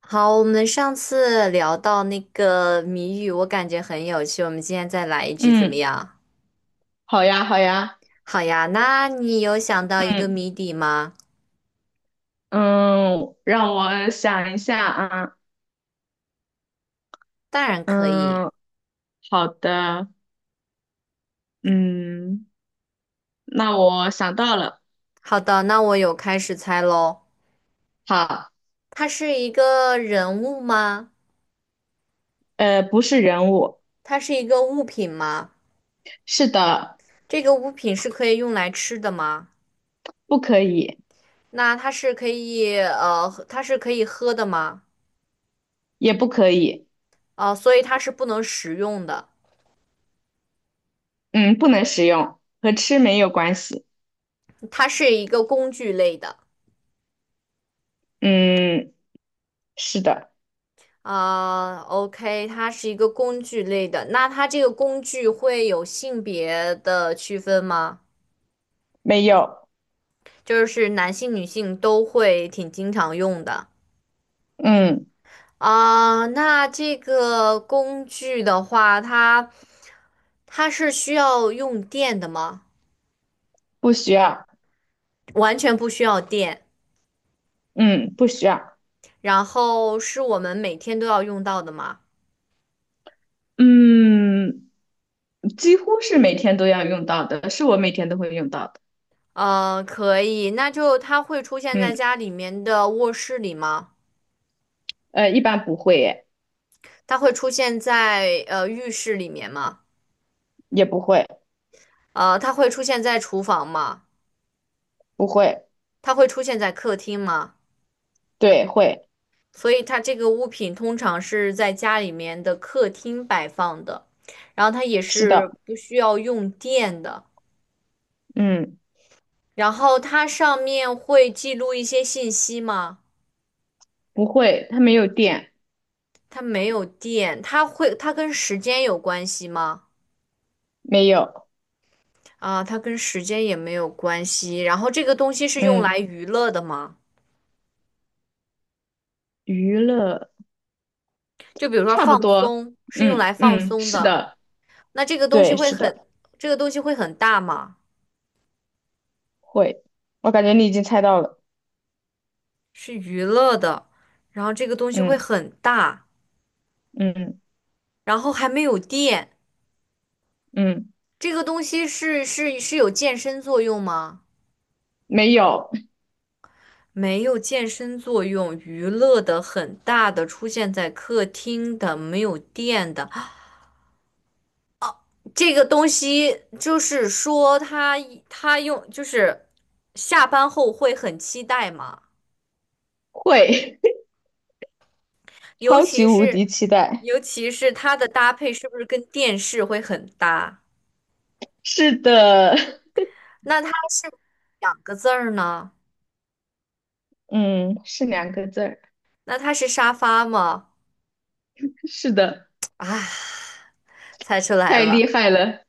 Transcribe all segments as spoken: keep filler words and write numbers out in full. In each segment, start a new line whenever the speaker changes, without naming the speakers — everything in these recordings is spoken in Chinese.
好，我们上次聊到那个谜语，我感觉很有趣，我们今天再来一局怎么
嗯，
样？
好呀，好呀，
好呀，那你有想到一个
嗯
谜底吗？
嗯，让我想一下啊。
当然可以。
嗯，好的。嗯，那我想到了。
好的，那我有开始猜喽。
好。
它是一个人物吗？
呃，不是人物。
它是一个物品吗？
是的。
这个物品是可以用来吃的吗？
不可以。
那它是可以呃，它是可以喝的吗？
也不可以。
哦、所以它是不能食用的，
嗯，不能使用，和吃没有关系。
它是一个工具类的。
嗯，是的。
啊，OK，它是一个工具类的，那它这个工具会有性别的区分吗？
没有。
就是男性、女性都会挺经常用的
嗯，
啊。那这个工具的话，它它是需要用电的吗？
不需要。
完全不需要电，
嗯，不需要。
然后是我们每天都要用到的吗？
嗯，几乎是每天都要用到的，是我每天都会用到的。
呃，可以，那就它会出现在
嗯。
家里面的卧室里吗？
呃，一般不会耶。
它会出现在呃浴室里面吗？
也不会。
呃，它会出现在厨房吗？
不会。
它会出现在客厅吗？
对，会。
所以它这个物品通常是在家里面的客厅摆放的，然后它也
是
是
的。
不需要用电的。
嗯，
然后它上面会记录一些信息吗？
不会，它没有电。
它没有电，它会，它跟时间有关系吗？
没有。
啊，它跟时间也没有关系。然后这个东西是用来
嗯，
娱乐的吗？
娱乐
就比如说
差
放
不多。
松，是用
嗯
来放
嗯，
松
是
的。
的。
那这个东西
对，
会
是的。
很，这个东西会很大吗？
会。我感觉你已经猜到了。
是娱乐的，然后这个东西会
嗯
很大，
嗯
然后还没有电。
嗯。
这个东西是是是有健身作用吗？
没有。
没有健身作用，娱乐的很大的出现在客厅的，没有电的这个东西，就是说它它用就是下班后会很期待嘛，
会。
尤
超级
其
无敌
是
期待。
尤其是它的搭配是不是跟电视会很搭？
是的。
那它是两个字儿呢？
嗯，是两个字儿。
那它是沙发吗？
是的。
啊，猜出来
太
了，
厉害了。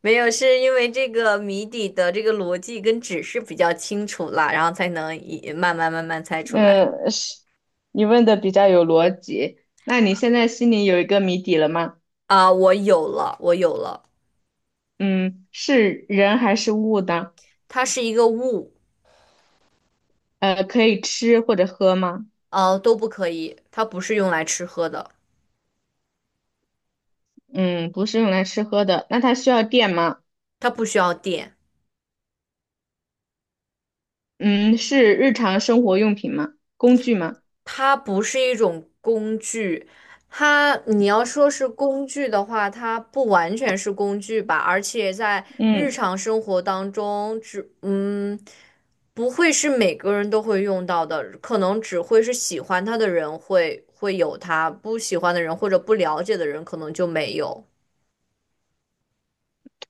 没有，是因为这个谜底的这个逻辑跟指示比较清楚了，然后才能一慢慢慢慢猜出来。
嗯，是，你问的比较有逻辑。那你现在心里有一个谜底了吗？
啊，我有了，我有了，
嗯，是人还是物的？
它是一个物，
呃，可以吃或者喝吗？
呃，都不可以，它不是用来吃喝的，
嗯，不是用来吃喝的。那它需要电吗？
它不需要电。
嗯，是日常生活用品吗？工具吗？
它不是一种工具，它你要说是工具的话，它不完全是工具吧，而且在日
嗯，
常生活当中，只嗯不会是每个人都会用到的，可能只会是喜欢它的人会会有它，不喜欢的人或者不了解的人可能就没有。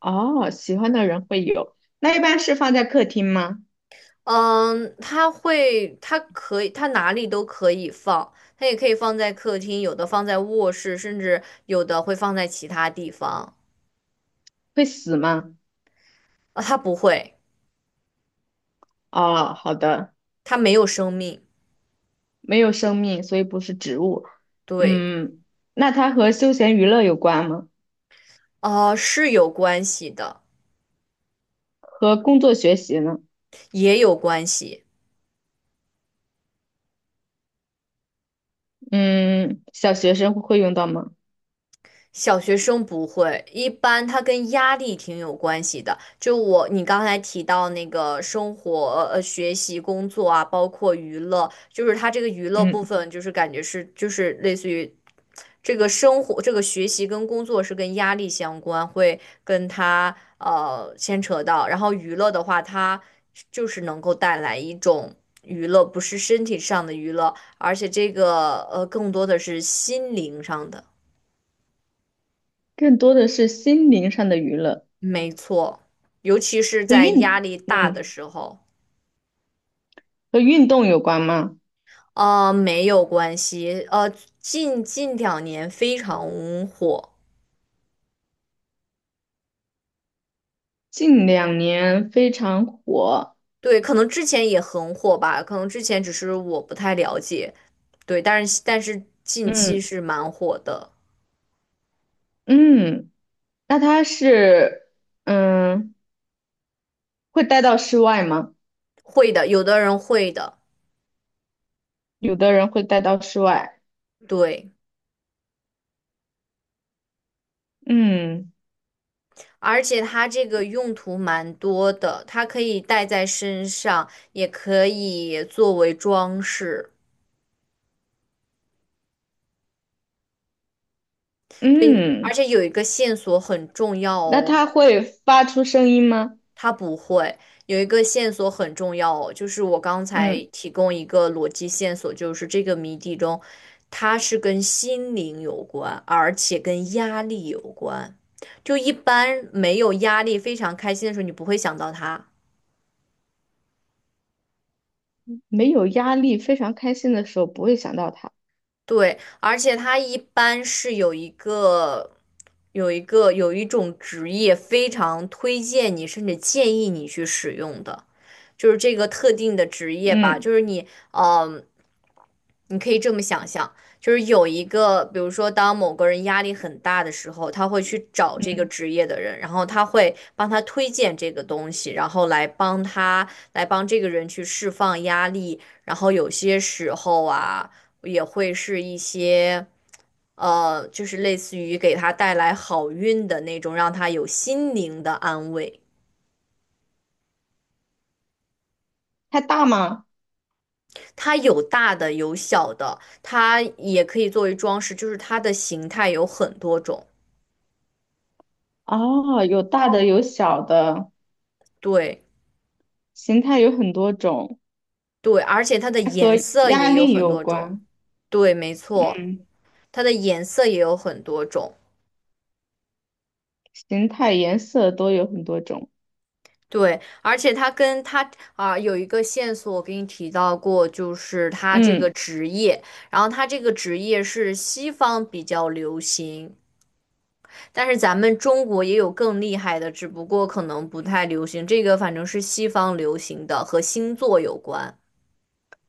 哦，喜欢的人会有。那一般是放在客厅吗？
嗯，它会，它可以，它哪里都可以放，它也可以放在客厅，有的放在卧室，甚至有的会放在其他地方。
会死吗？
啊，它不会，
哦，好的。
它没有生命。
没有生命，所以不是植物。
对，
嗯，那它和休闲娱乐有关吗？
啊，是有关系的，
和工作学习呢？
也有关系。
嗯，小学生会用到吗？
小学生不会，一般它跟压力挺有关系的。就我，你刚才提到那个生活、呃，学习、工作啊，包括娱乐，就是它这个娱乐
嗯，
部分，就是感觉是，就是类似于这个生活、这个学习跟工作是跟压力相关，会跟他呃牵扯到。然后娱乐的话，它就是能够带来一种娱乐，不是身体上的娱乐，而且这个呃更多的是心灵上的。
更多的是心灵上的娱乐。
没错，尤其是
和
在压
运，
力大的
嗯，
时候，
和运动有关吗？
呃，没有关系，呃，近近两年非常火，
近两年非常火。
对，可能之前也很火吧，可能之前只是我不太了解，对，但是但是近
嗯
期是蛮火的，
嗯，那它是，嗯，会带到室外吗？
会的，有的人会的，
有的人会带到室外。
对，
嗯
而且它这个用途蛮多的，它可以戴在身上，也可以作为装饰。对，而
嗯，
且有一个线索很重要
那
哦，
它会发出声音吗？
它不会有一个线索很重要哦，就是我刚才
嗯，
提供一个逻辑线索，就是这个谜底中，它是跟心灵有关，而且跟压力有关。就一般没有压力、非常开心的时候，你不会想到它。
没有压力，非常开心的时候不会想到它。
对，而且它一般是有一个、有一个、有一种职业非常推荐你，甚至建议你去使用的，就是这个特定的职业吧。
嗯
就是你，嗯、你可以这么想象，就是有一个，比如说，当某个人压力很大的时候，他会去找这个
嗯，
职业的人，然后他会帮他推荐这个东西，然后来帮他，来帮这个人去释放压力。然后有些时候啊，也会是一些，呃，就是类似于给他带来好运的那种，让他有心灵的安慰。
它大吗？
它有大的，有小的，它也可以作为装饰，就是它的形态有很多种。
哦，有大的有小的，
对。
形态有很多种，
对，而且它的
还和
颜色
压
也有
力
很
有
多种。
关。
对，没错，
嗯，
它的颜色也有很多种。
形态、颜色都有很多种。
对，而且它跟它啊、有一个线索，我给你提到过，就是它这个
嗯，
职业，然后它这个职业是西方比较流行，但是咱们中国也有更厉害的，只不过可能不太流行。这个反正是西方流行的，和星座有关。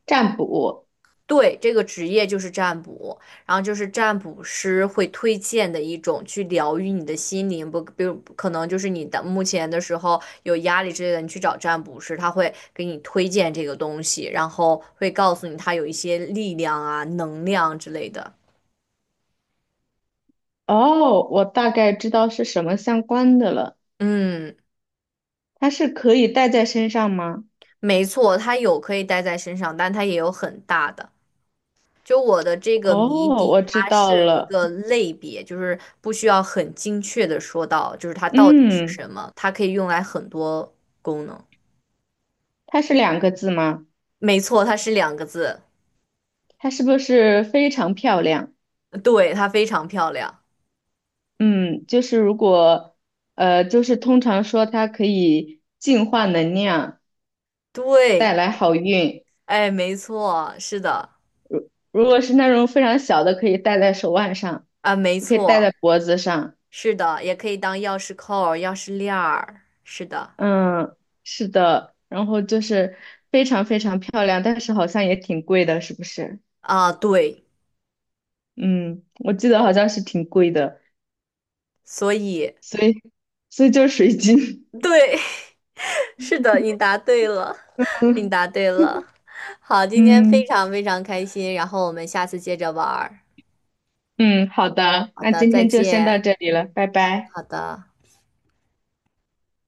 占卜。
对，这个职业就是占卜，然后就是占卜师会推荐的一种去疗愈你的心灵，不，比如可能就是你的目前的时候有压力之类的，你去找占卜师，他会给你推荐这个东西，然后会告诉你他有一些力量啊、能量之类的。
哦，我大概知道是什么相关的了。
嗯，
它是可以戴在身上吗？
没错，它有可以带在身上，但它也有很大的。就我的这个谜
哦，
底，
我知
它
道
是一
了。
个类别，就是不需要很精确的说到，就是它到底是
嗯，
什么，它可以用来很多功能。
它是两个字吗？
没错，它是两个字，
它是不是非常漂亮？
对，它非常漂亮。
嗯，就是如果，呃，就是通常说它可以净化能量，带
对，
来好运。
哎，没错，是的，
如果是那种非常小的，可以戴在手腕上，
啊，没
也可以戴
错，
在脖子上。
是的，也可以当钥匙扣儿钥匙链儿，是的，
嗯，是的。然后就是非常非常漂亮，但是好像也挺贵的，是不是？
啊，对，
嗯，我记得好像是挺贵的，
所以，
所以所以就是水晶。
对，是的，你答对了，你
嗯
答对了。好，今天非
嗯
常非常开心，然后我们下次接着玩儿。
嗯，好的，
好
那
的，
今
再
天就先到
见。
这里了，拜拜。
好的。